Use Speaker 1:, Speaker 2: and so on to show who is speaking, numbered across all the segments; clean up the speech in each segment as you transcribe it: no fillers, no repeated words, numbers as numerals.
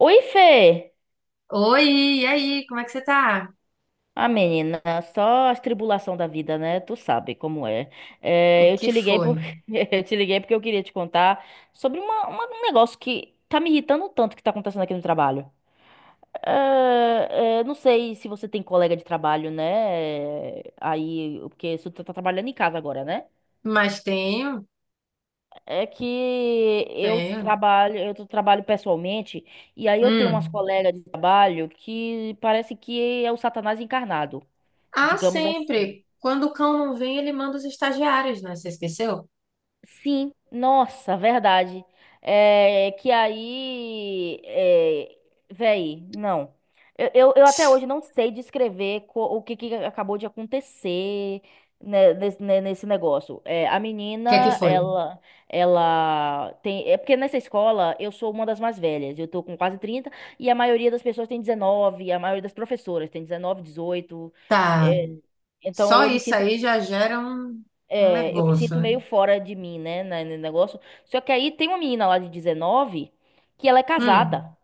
Speaker 1: Oi, Fê!
Speaker 2: Oi, e aí, como é que você tá?
Speaker 1: Ah, menina, só as tribulação da vida, né? Tu sabe como é.
Speaker 2: O
Speaker 1: Eu
Speaker 2: que
Speaker 1: te liguei
Speaker 2: foi?
Speaker 1: porque eu te liguei porque eu queria te contar sobre um negócio que tá me irritando tanto que tá acontecendo aqui no trabalho. Não sei se você tem colega de trabalho, né? Aí, porque você tá trabalhando em casa agora, né?
Speaker 2: Mas tenho,
Speaker 1: É que eu
Speaker 2: tenho.
Speaker 1: trabalho, trabalho pessoalmente, e aí eu tenho umas
Speaker 2: Hum.
Speaker 1: colegas de trabalho que parece que é o Satanás encarnado.
Speaker 2: Ah,
Speaker 1: Digamos assim.
Speaker 2: sempre. Quando o cão não vem, ele manda os estagiários, né? Você esqueceu? O
Speaker 1: Sim, nossa, verdade. É que aí, é, véi, não. Eu até hoje não sei descrever o que, que acabou de acontecer né, né, nesse, negócio. É, a
Speaker 2: que é que
Speaker 1: menina,
Speaker 2: foi?
Speaker 1: ela tem. É porque nessa escola eu sou uma das mais velhas. Eu tô com quase 30 e a maioria das pessoas tem 19, a maioria das professoras tem 19, dezoito.
Speaker 2: Tá.
Speaker 1: É, então
Speaker 2: Só
Speaker 1: eu me
Speaker 2: isso
Speaker 1: sinto.
Speaker 2: aí já gera um, um
Speaker 1: É, eu me
Speaker 2: negócio,
Speaker 1: sinto
Speaker 2: né?
Speaker 1: meio fora de mim, né, no negócio. Só que aí tem uma menina lá de 19 que ela é casada
Speaker 2: Hum.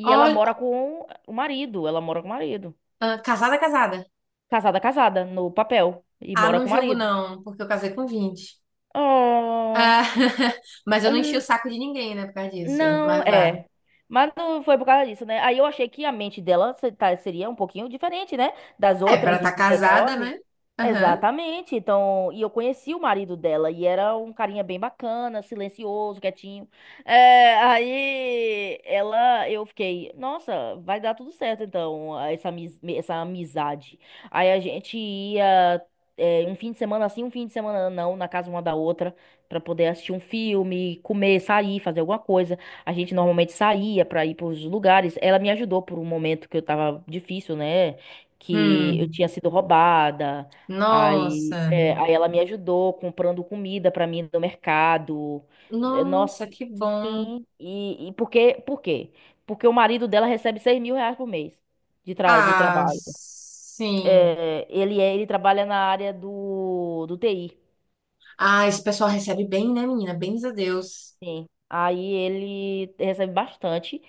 Speaker 1: e ela mora
Speaker 2: Olha,
Speaker 1: com o marido, ela mora com o marido.
Speaker 2: ah, casada, casada.
Speaker 1: Casada, casada, no papel e
Speaker 2: Ah,
Speaker 1: mora
Speaker 2: não
Speaker 1: com o
Speaker 2: jogo
Speaker 1: marido.
Speaker 2: não, porque eu casei com 20.
Speaker 1: Oh,
Speaker 2: Ah, mas eu não enchi o saco de ninguém, né, por causa disso.
Speaker 1: não,
Speaker 2: Mas vá.
Speaker 1: é. Mas não foi por causa disso, né? Aí eu achei que a mente dela seria um pouquinho diferente, né? Das
Speaker 2: É, pra
Speaker 1: outras
Speaker 2: estar
Speaker 1: de
Speaker 2: casada,
Speaker 1: dezenove.
Speaker 2: né? Aham.
Speaker 1: Exatamente. Então, e eu conheci o marido dela e era um carinha bem bacana, silencioso, quietinho. É, aí ela, eu fiquei, nossa, vai dar tudo certo então, essa amizade. Aí a gente ia, é, um fim de semana assim, um fim de semana não, na casa uma da outra, pra poder assistir um filme, comer, sair, fazer alguma coisa. A gente normalmente saía pra ir pros lugares. Ela me ajudou por um momento que eu tava difícil, né? Que eu
Speaker 2: Hum.
Speaker 1: tinha sido roubada. Aí,
Speaker 2: Nossa.
Speaker 1: é, aí ela me ajudou comprando comida pra mim no mercado. Eh,
Speaker 2: Nossa,
Speaker 1: nossa,
Speaker 2: que bom.
Speaker 1: sim. E por quê? Por quê? Porque o marido dela recebe R$ 6.000 por mês de, tra de
Speaker 2: Ah,
Speaker 1: trabalho.
Speaker 2: sim.
Speaker 1: É, ele trabalha na área do, do TI.
Speaker 2: Ah, esse pessoal recebe bem, né, menina? Bens a Deus.
Speaker 1: Sim. Aí ele recebe bastante.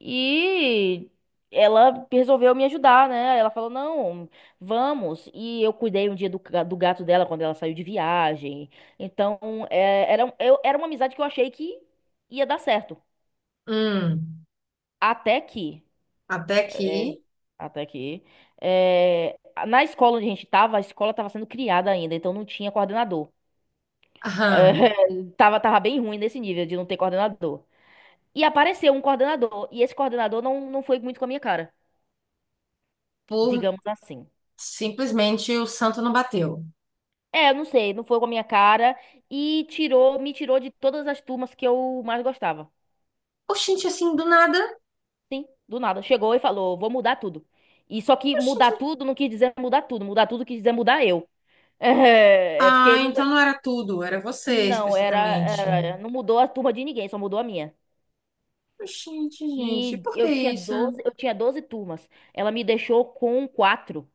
Speaker 1: E ela resolveu me ajudar, né? Ela falou: não, vamos. E eu cuidei um dia do, do gato dela quando ela saiu de viagem. Então, é, era, era uma amizade que eu achei que ia dar certo.
Speaker 2: Hum,
Speaker 1: Até que.
Speaker 2: até aqui.
Speaker 1: Até que. É, na escola onde a gente tava, a escola tava sendo criada ainda, então não tinha coordenador. É,
Speaker 2: Aham.
Speaker 1: tava, tava bem ruim nesse nível de não ter coordenador. E apareceu um coordenador. E esse coordenador não, não foi muito com a minha cara,
Speaker 2: por
Speaker 1: digamos assim.
Speaker 2: Simplesmente o santo não bateu.
Speaker 1: É, eu não sei, não foi com a minha cara. E tirou, me tirou de todas as turmas que eu mais gostava.
Speaker 2: Oxente, assim, do nada.
Speaker 1: Sim, do nada. Chegou e falou: vou mudar tudo. E só que mudar
Speaker 2: Oxente.
Speaker 1: tudo não quis dizer mudar tudo. Mudar tudo quis dizer mudar eu. É, é porque
Speaker 2: Ah,
Speaker 1: não,
Speaker 2: então não era tudo, era você
Speaker 1: não era,
Speaker 2: especificamente.
Speaker 1: não mudou a turma de ninguém, só mudou a minha.
Speaker 2: Oxente, gente,
Speaker 1: E
Speaker 2: por que isso?
Speaker 1: eu tinha 12 turmas. Ela me deixou com quatro.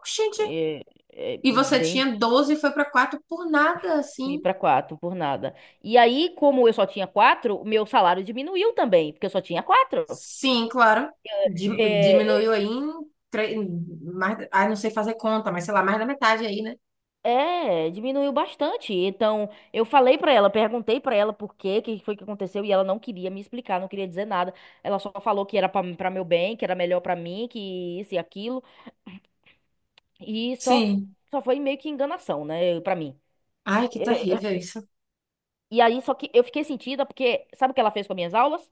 Speaker 2: Oxente.
Speaker 1: É, é,
Speaker 2: E você
Speaker 1: bem.
Speaker 2: tinha 12 e foi pra 4 por nada,
Speaker 1: Fui
Speaker 2: assim.
Speaker 1: para quatro por nada. E aí, como eu só tinha quatro, o meu salário diminuiu também, porque eu só tinha quatro.
Speaker 2: Sim, claro. Di-
Speaker 1: É,
Speaker 2: Diminuiu aí em, tre- em mais, ai, não sei fazer conta, mas sei lá, mais da metade aí, né?
Speaker 1: é, é, diminuiu bastante. Então, eu falei pra ela, perguntei pra ela por quê, que foi que aconteceu, e ela não queria me explicar, não queria dizer nada. Ela só falou que era pra meu bem, que era melhor pra mim, que isso e aquilo, e
Speaker 2: Sim.
Speaker 1: só foi meio que enganação, né, pra mim.
Speaker 2: Ai, que
Speaker 1: É, é,
Speaker 2: terrível isso.
Speaker 1: e aí, só que eu fiquei sentida porque sabe o que ela fez com as minhas aulas?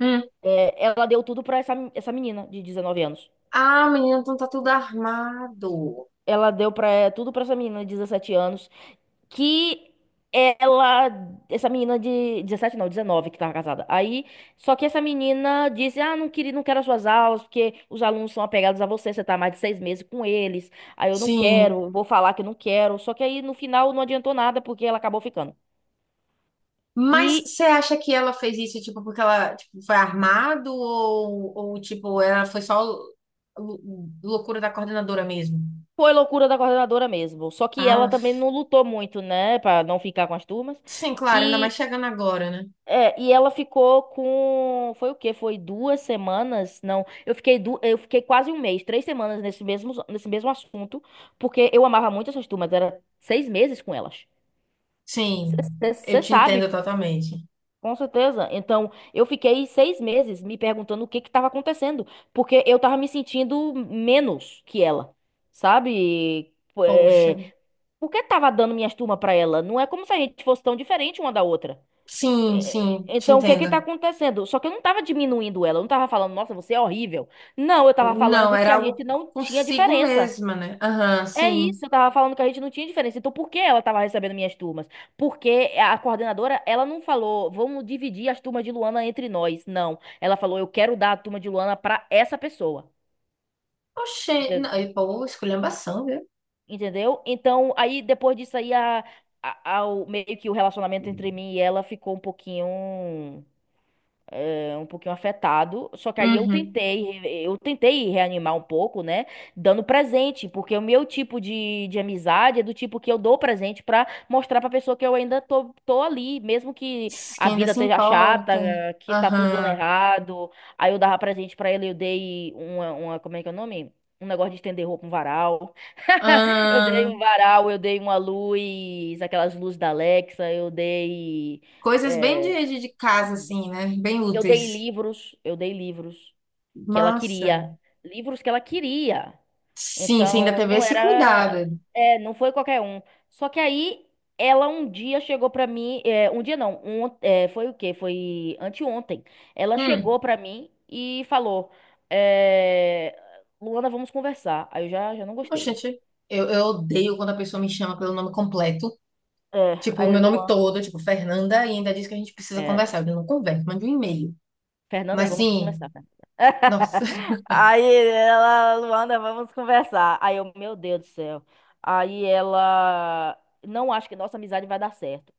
Speaker 2: Hum.
Speaker 1: É, ela deu tudo pra essa, essa menina de 19 anos.
Speaker 2: Ah, menina, então tá tudo armado.
Speaker 1: Ela deu pra, eh, tudo pra essa menina de 17 anos, que ela, essa menina de 17 não, 19 que tava casada. Aí, só que essa menina disse, ah, não queria, não quero as suas aulas, porque os alunos são apegados a você, você tá há mais de 6 meses com eles, aí eu não
Speaker 2: Sim.
Speaker 1: quero, vou falar que não quero. Só que aí, no final, não adiantou nada, porque ela acabou ficando.
Speaker 2: Mas
Speaker 1: E
Speaker 2: você acha que ela fez isso, tipo, porque ela, tipo, foi armado ou tipo, ela foi só lou- loucura da coordenadora mesmo?
Speaker 1: foi loucura da coordenadora mesmo. Só que ela
Speaker 2: Ah,
Speaker 1: também não lutou muito, né, pra não ficar com as turmas.
Speaker 2: sim, claro, ainda
Speaker 1: E
Speaker 2: mais chegando agora, né?
Speaker 1: é, e ela ficou com, foi o quê? Foi duas semanas? Não, eu fiquei du... eu fiquei quase um mês, três semanas nesse mesmo assunto, porque eu amava muito essas turmas, era seis meses com elas.
Speaker 2: Sim, eu
Speaker 1: Você
Speaker 2: te
Speaker 1: sabe,
Speaker 2: entendo totalmente.
Speaker 1: com certeza. Então, eu fiquei 6 meses me perguntando o que que estava acontecendo, porque eu tava me sentindo menos que ela, sabe?
Speaker 2: Poxa.
Speaker 1: É, por que tava dando minhas turmas pra ela? Não é como se a gente fosse tão diferente uma da outra.
Speaker 2: Sim,
Speaker 1: É,
Speaker 2: sim, te
Speaker 1: então, o que que tá
Speaker 2: entendo.
Speaker 1: acontecendo? Só que eu não tava diminuindo ela, eu não tava falando, nossa, você é horrível. Não, eu tava
Speaker 2: Não,
Speaker 1: falando que
Speaker 2: era
Speaker 1: a
Speaker 2: algo
Speaker 1: gente não tinha
Speaker 2: consigo
Speaker 1: diferença.
Speaker 2: mesma, né? Aham,
Speaker 1: É
Speaker 2: sim.
Speaker 1: isso, eu tava falando que a gente não tinha diferença. Então, por que ela tava recebendo minhas turmas? Porque a coordenadora, ela não falou, vamos dividir as turmas de Luana entre nós. Não. Ela falou, eu quero dar a turma de Luana pra essa pessoa.
Speaker 2: Oxê, não,
Speaker 1: Ente-
Speaker 2: e, pô, esculhambação, viu?
Speaker 1: Entendeu? Então, aí depois disso aí, a, meio que o relacionamento entre mim e ela ficou um pouquinho. É um pouquinho afetado, só que aí
Speaker 2: Uhum.
Speaker 1: eu tentei reanimar um pouco, né, dando presente, porque o meu tipo de amizade é do tipo que eu dou presente pra mostrar pra pessoa que eu ainda tô ali, mesmo que a
Speaker 2: Quem ainda
Speaker 1: vida
Speaker 2: se
Speaker 1: esteja chata,
Speaker 2: importa.
Speaker 1: que tá tudo dando
Speaker 2: Aham.
Speaker 1: errado, aí eu dava presente pra ele, eu dei uma, como é que é o nome? Um negócio de estender roupa, um varal. Eu dei
Speaker 2: Ah,
Speaker 1: um varal, eu dei uma luz, aquelas luzes da Alexa, eu dei.
Speaker 2: coisas bem
Speaker 1: É,
Speaker 2: de casa, assim, né? Bem úteis.
Speaker 1: eu dei livros que ela
Speaker 2: Massa.
Speaker 1: queria, livros que ela queria.
Speaker 2: Sim, você ainda
Speaker 1: Então,
Speaker 2: teve
Speaker 1: não
Speaker 2: esse
Speaker 1: era,
Speaker 2: cuidado.
Speaker 1: é, não foi qualquer um. Só que aí ela um dia chegou pra mim, é, um dia não, um, é, foi o quê? Foi anteontem. Ela
Speaker 2: Hum,
Speaker 1: chegou pra mim e falou, é, Luana, vamos conversar. Aí eu já não gostei.
Speaker 2: oxente, eu odeio quando a pessoa me chama pelo nome completo.
Speaker 1: É,
Speaker 2: Tipo, o meu nome todo, tipo, Fernanda, e ainda diz que a gente precisa
Speaker 1: É,
Speaker 2: conversar. Eu não converso, mando um e-mail.
Speaker 1: Fernanda,
Speaker 2: Mas
Speaker 1: vamos
Speaker 2: sim.
Speaker 1: conversar. Fernanda.
Speaker 2: Nossa.
Speaker 1: Aí ela, Luanda, vamos conversar. Aí eu, meu Deus do céu. Aí ela, não acho que nossa amizade vai dar certo.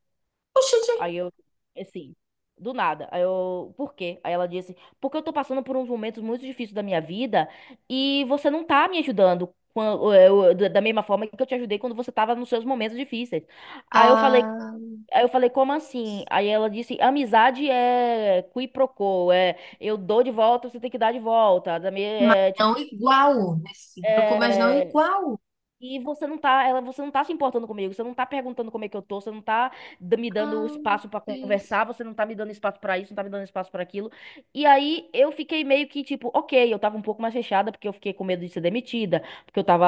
Speaker 2: Oxe, gente.
Speaker 1: Aí eu, assim, do nada. Aí eu, por quê? Aí ela disse, porque eu tô passando por uns momentos muito difíceis da minha vida e você não tá me ajudando. Da mesma forma que eu te ajudei quando você tava nos seus momentos difíceis. Aí eu falei,
Speaker 2: Ah,
Speaker 1: Aí eu falei, como assim? Aí ela disse, amizade é qui pro quo, é eu dou de volta, você tem que dar de volta.
Speaker 2: mas
Speaker 1: É,
Speaker 2: não
Speaker 1: tipo,
Speaker 2: igual nesse troco, mas não
Speaker 1: é,
Speaker 2: igual.
Speaker 1: e você não tá, ela, você não tá se importando comigo, você não tá perguntando como é que eu tô, você não tá me dando
Speaker 2: Ah, meu
Speaker 1: espaço pra
Speaker 2: Deus.
Speaker 1: conversar, você não tá me dando espaço pra isso, não tá me dando espaço pra aquilo. E aí eu fiquei meio que tipo, ok, eu tava um pouco mais fechada porque eu fiquei com medo de ser demitida, porque eu tava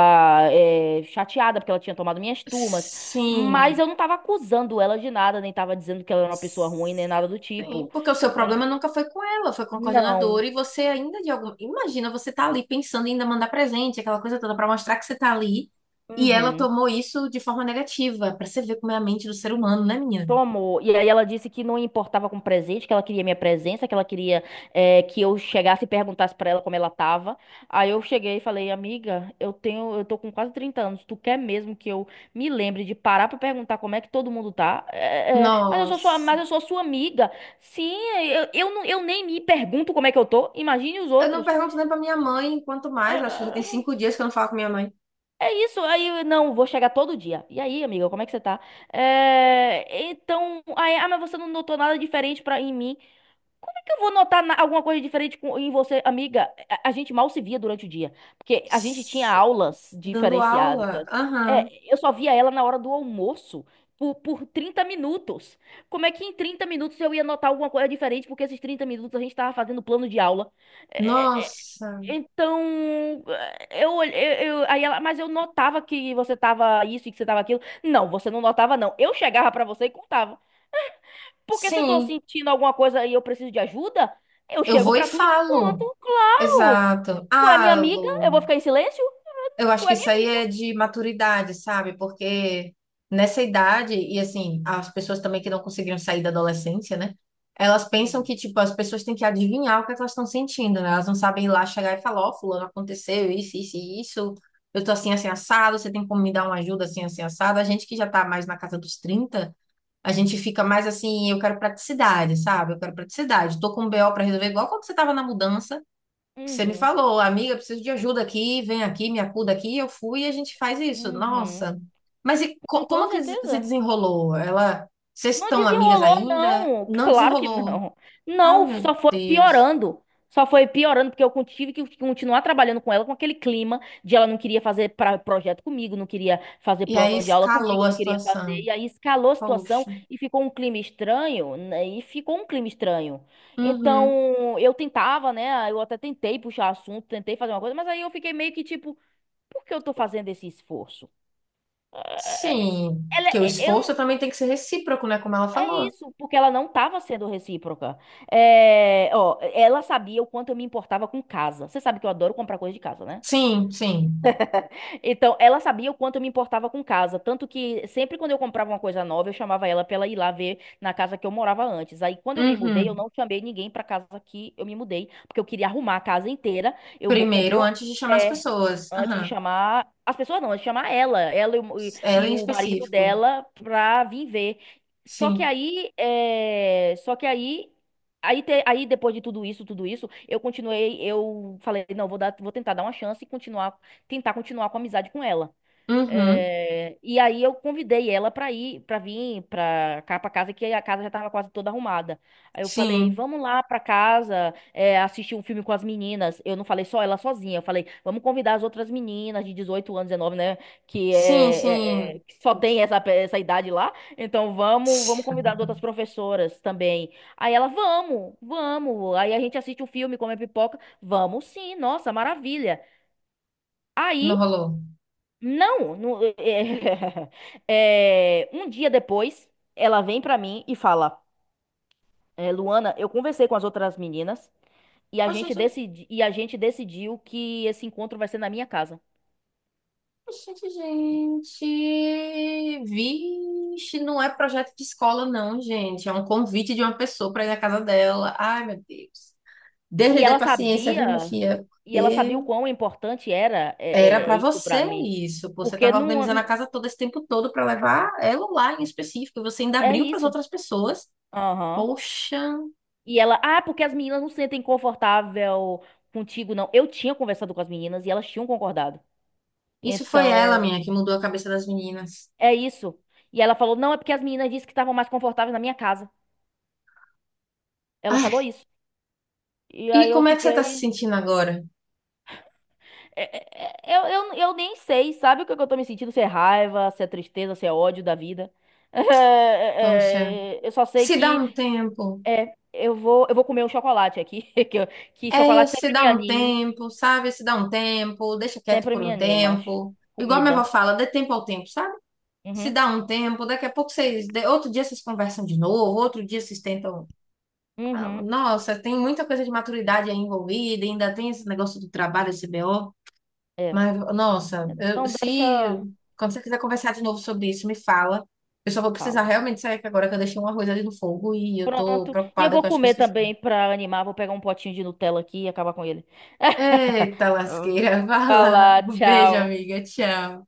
Speaker 1: eh, chateada porque ela tinha tomado minhas turmas, mas
Speaker 2: Sim.
Speaker 1: eu não tava acusando ela de nada, nem tava dizendo que ela era uma pessoa ruim, nem nada do tipo.
Speaker 2: Sim, porque o seu
Speaker 1: É,
Speaker 2: problema nunca foi com ela, foi com a coordenadora,
Speaker 1: não.
Speaker 2: e você ainda de alguma. Imagina, você tá ali pensando em ainda mandar presente, aquela coisa toda, pra mostrar que você tá ali, e ela
Speaker 1: Uhum.
Speaker 2: tomou isso de forma negativa, pra você ver como é a mente do ser humano, né, minha?
Speaker 1: Tomou. E aí ela disse que não importava com presente, que ela queria minha presença, que ela queria eh, que eu chegasse e perguntasse pra ela como ela tava. Aí eu cheguei e falei, amiga, eu tenho, eu tô com quase 30 anos, tu quer mesmo que eu me lembre de parar pra perguntar como é que todo mundo tá? É, é, é, mas eu sou sua,
Speaker 2: Nossa.
Speaker 1: mas eu sou sua amiga. Sim, eu nem me pergunto como é que eu tô. Imagine os
Speaker 2: Eu não
Speaker 1: outros.
Speaker 2: pergunto nem pra minha mãe, quanto
Speaker 1: É,
Speaker 2: mais, acho que já tem
Speaker 1: é,
Speaker 2: cinco dias que eu não falo com minha mãe.
Speaker 1: é isso, aí não, vou chegar todo dia. E aí, amiga, como é que você tá? É, então, aí, ah, mas você não notou nada diferente pra, em mim. Como é que eu vou notar alguma coisa diferente em você, amiga? A gente mal se via durante o dia, porque a gente tinha aulas
Speaker 2: Dando
Speaker 1: diferenciadas.
Speaker 2: aula? Aham.
Speaker 1: É, eu só via ela na hora do almoço, por 30 minutos. Como é que em 30 minutos eu ia notar alguma coisa diferente? Porque esses 30 minutos a gente tava fazendo plano de aula. "É,
Speaker 2: Nossa.
Speaker 1: então, eu, olhe- eu- aí ela, mas eu notava que você tava isso e que você tava aquilo. Não, você não notava, não. Eu chegava pra você e contava. Porque se eu tô
Speaker 2: Sim,
Speaker 1: sentindo alguma coisa e eu preciso de ajuda, eu
Speaker 2: eu
Speaker 1: chego
Speaker 2: vou e
Speaker 1: pra tu e te
Speaker 2: falo.
Speaker 1: conto. Claro!
Speaker 2: Exato.
Speaker 1: Tu é minha
Speaker 2: Ah,
Speaker 1: amiga, eu
Speaker 2: Lu,
Speaker 1: vou ficar em silêncio?
Speaker 2: eu acho
Speaker 1: Tu
Speaker 2: que
Speaker 1: é minha
Speaker 2: isso aí
Speaker 1: amiga.
Speaker 2: é de maturidade, sabe? Porque nessa idade, e assim, as pessoas também que não conseguiram sair da adolescência, né? Elas pensam que,
Speaker 1: Uhum.
Speaker 2: tipo, as pessoas têm que adivinhar o que é que elas estão sentindo, né? Elas não sabem ir lá chegar e falar, ó, fulano, aconteceu isso, isso e isso. Eu tô assim, assim, assado, você tem como me dar uma ajuda assim, assim, assado? A gente que já tá mais na casa dos trinta, a gente fica mais assim, eu quero praticidade, sabe? Eu quero praticidade. Tô com um BO para resolver, igual quando você tava na mudança, que você me
Speaker 1: Uhum.
Speaker 2: falou, amiga, eu preciso de ajuda aqui, vem aqui, me acuda aqui. Eu fui e a gente faz isso.
Speaker 1: Uhum.
Speaker 2: Nossa. Mas e
Speaker 1: Com toda
Speaker 2: como que se
Speaker 1: certeza.
Speaker 2: desenrolou? Ela, vocês
Speaker 1: Não
Speaker 2: estão amigas
Speaker 1: desenrolou,
Speaker 2: ainda?
Speaker 1: não.
Speaker 2: Não
Speaker 1: Claro que
Speaker 2: desenrolou.
Speaker 1: não.
Speaker 2: Ah,
Speaker 1: Não,
Speaker 2: meu
Speaker 1: só foi
Speaker 2: Deus.
Speaker 1: piorando. Só foi piorando, porque tive que continuar trabalhando com ela com aquele clima de ela não queria fazer projeto comigo, não queria fazer
Speaker 2: E aí
Speaker 1: plano de aula
Speaker 2: escalou
Speaker 1: comigo,
Speaker 2: a
Speaker 1: não queria fazer.
Speaker 2: situação.
Speaker 1: E aí escalou a situação
Speaker 2: Poxa.
Speaker 1: e ficou um clima estranho, né? E ficou um clima estranho.
Speaker 2: Uhum.
Speaker 1: Então, eu tentava, né? Eu até tentei puxar assunto, tentei fazer uma coisa, mas aí eu fiquei meio que tipo, por que eu tô fazendo esse esforço? É, é,
Speaker 2: Sim,
Speaker 1: Ela,
Speaker 2: porque o
Speaker 1: é,
Speaker 2: esforço
Speaker 1: eu,
Speaker 2: também tem que ser recíproco, né? Como ela
Speaker 1: É
Speaker 2: falou.
Speaker 1: isso, porque ela não estava sendo recíproca. É, ó, ela sabia o quanto eu me importava com casa. Você sabe que eu adoro comprar coisa de casa, né?
Speaker 2: Sim, sim.
Speaker 1: Então, ela sabia o quanto eu me importava com casa. Tanto que sempre quando eu comprava uma coisa nova, eu chamava ela pra ela ir lá ver na casa que eu morava antes. Aí, quando eu me mudei, eu
Speaker 2: Uhum.
Speaker 1: não chamei ninguém pra casa que eu me mudei, porque eu queria arrumar a casa inteira.
Speaker 2: Primeiro,
Speaker 1: Comprei um.
Speaker 2: antes de chamar as
Speaker 1: é,
Speaker 2: pessoas.
Speaker 1: Antes de
Speaker 2: Aham.
Speaker 1: chamar. As pessoas não, antes de chamar ela. Ela e o, e-
Speaker 2: Ela
Speaker 1: e
Speaker 2: em
Speaker 1: o marido
Speaker 2: específico.
Speaker 1: dela pra vir ver. Só que
Speaker 2: Sim.
Speaker 1: aí. É, só que aí. Aí depois de tudo isso, eu continuei, eu falei, não, vou tentar dar uma chance e continuar, tentar continuar com a amizade com ela.
Speaker 2: Uhum.
Speaker 1: É, e aí eu convidei ela para vir para cá para casa, que a casa já estava quase toda arrumada. Aí eu falei,
Speaker 2: Sim.
Speaker 1: vamos lá para casa, é, assistir um filme com as meninas. Eu não falei só ela sozinha, eu falei, vamos convidar as outras meninas de 18 anos, 19, né, que
Speaker 2: Sim,
Speaker 1: é, é-
Speaker 2: sim.
Speaker 1: é- que só tem essa idade lá. Então vamos convidar as outras professoras também. Aí ela, vamos, vamos. Aí a gente assiste um filme, come pipoca. Vamos sim, nossa, maravilha.
Speaker 2: Não
Speaker 1: Aí
Speaker 2: rolou.
Speaker 1: não, não- é, um dia depois, ela vem pra mim e fala: "É, Luana, eu conversei com as outras meninas e
Speaker 2: Oxe, gente.
Speaker 1: e a gente decidiu que esse encontro vai ser na minha casa.
Speaker 2: Oxe, gente. Vixe, não é projeto de escola, não, gente. É um convite de uma pessoa para ir na casa dela. Ai, meu Deus. Deus lhe
Speaker 1: E
Speaker 2: dê
Speaker 1: ela
Speaker 2: paciência, viu, minha
Speaker 1: sabia,
Speaker 2: filha?
Speaker 1: e ela sabia o
Speaker 2: Porque
Speaker 1: quão importante era
Speaker 2: era
Speaker 1: é
Speaker 2: para
Speaker 1: isso pra
Speaker 2: você
Speaker 1: mim,
Speaker 2: isso. Pô, você
Speaker 1: porque
Speaker 2: estava organizando a
Speaker 1: não
Speaker 2: casa todo esse tempo todo para levar ela lá em específico. Você ainda
Speaker 1: é
Speaker 2: abriu para as
Speaker 1: isso.
Speaker 2: outras pessoas.
Speaker 1: Aham.
Speaker 2: Poxa,
Speaker 1: E ela, ah, porque as meninas não se sentem confortável contigo, não. Eu tinha conversado com as meninas e elas tinham concordado.
Speaker 2: isso foi ela, minha,
Speaker 1: Então
Speaker 2: que mudou a cabeça das meninas.
Speaker 1: É isso. E ela falou, não, é porque as meninas disseram que estavam mais confortáveis na minha casa. Ela
Speaker 2: Ai,
Speaker 1: falou isso. E
Speaker 2: e
Speaker 1: aí eu
Speaker 2: como é que você tá se
Speaker 1: fiquei.
Speaker 2: sentindo agora?
Speaker 1: é, é, é, Eu, eu nem sei, sabe o que que eu tô me sentindo? Se é raiva, se é tristeza, se é ódio da vida.
Speaker 2: Poxa,
Speaker 1: Eu só sei
Speaker 2: se dá
Speaker 1: que
Speaker 2: um tempo.
Speaker 1: eu vou comer um chocolate aqui. Que, eu- que
Speaker 2: É,
Speaker 1: chocolate
Speaker 2: se
Speaker 1: sempre
Speaker 2: dá
Speaker 1: me
Speaker 2: um
Speaker 1: anime.
Speaker 2: tempo, sabe? Se dá um tempo, deixa quieto
Speaker 1: Sempre
Speaker 2: por
Speaker 1: me
Speaker 2: um
Speaker 1: anima.
Speaker 2: tempo. Igual minha avó
Speaker 1: Comida.
Speaker 2: fala, dê tempo ao tempo, sabe? Se
Speaker 1: Uhum.
Speaker 2: dá um tempo, daqui a pouco vocês, outro dia vocês conversam de novo, outro dia vocês tentam. Ah,
Speaker 1: Uhum.
Speaker 2: nossa, tem muita coisa de maturidade aí envolvida, ainda tem esse negócio do trabalho, esse BO.
Speaker 1: É.
Speaker 2: Mas, nossa,
Speaker 1: Então
Speaker 2: se
Speaker 1: deixa.
Speaker 2: quando você quiser conversar de novo sobre isso, me fala. Eu só vou precisar
Speaker 1: Falo.
Speaker 2: realmente sair que agora que eu deixei um arroz ali no fogo e eu tô
Speaker 1: Pronto. E eu
Speaker 2: preocupada
Speaker 1: vou
Speaker 2: que eu acho que eu
Speaker 1: comer
Speaker 2: esqueci.
Speaker 1: também pra animar. Vou pegar um potinho de Nutella aqui e acabar com ele.
Speaker 2: Eita, lasqueira, vai lá.
Speaker 1: Vai
Speaker 2: Um beijo,
Speaker 1: tchau.
Speaker 2: amiga. Tchau.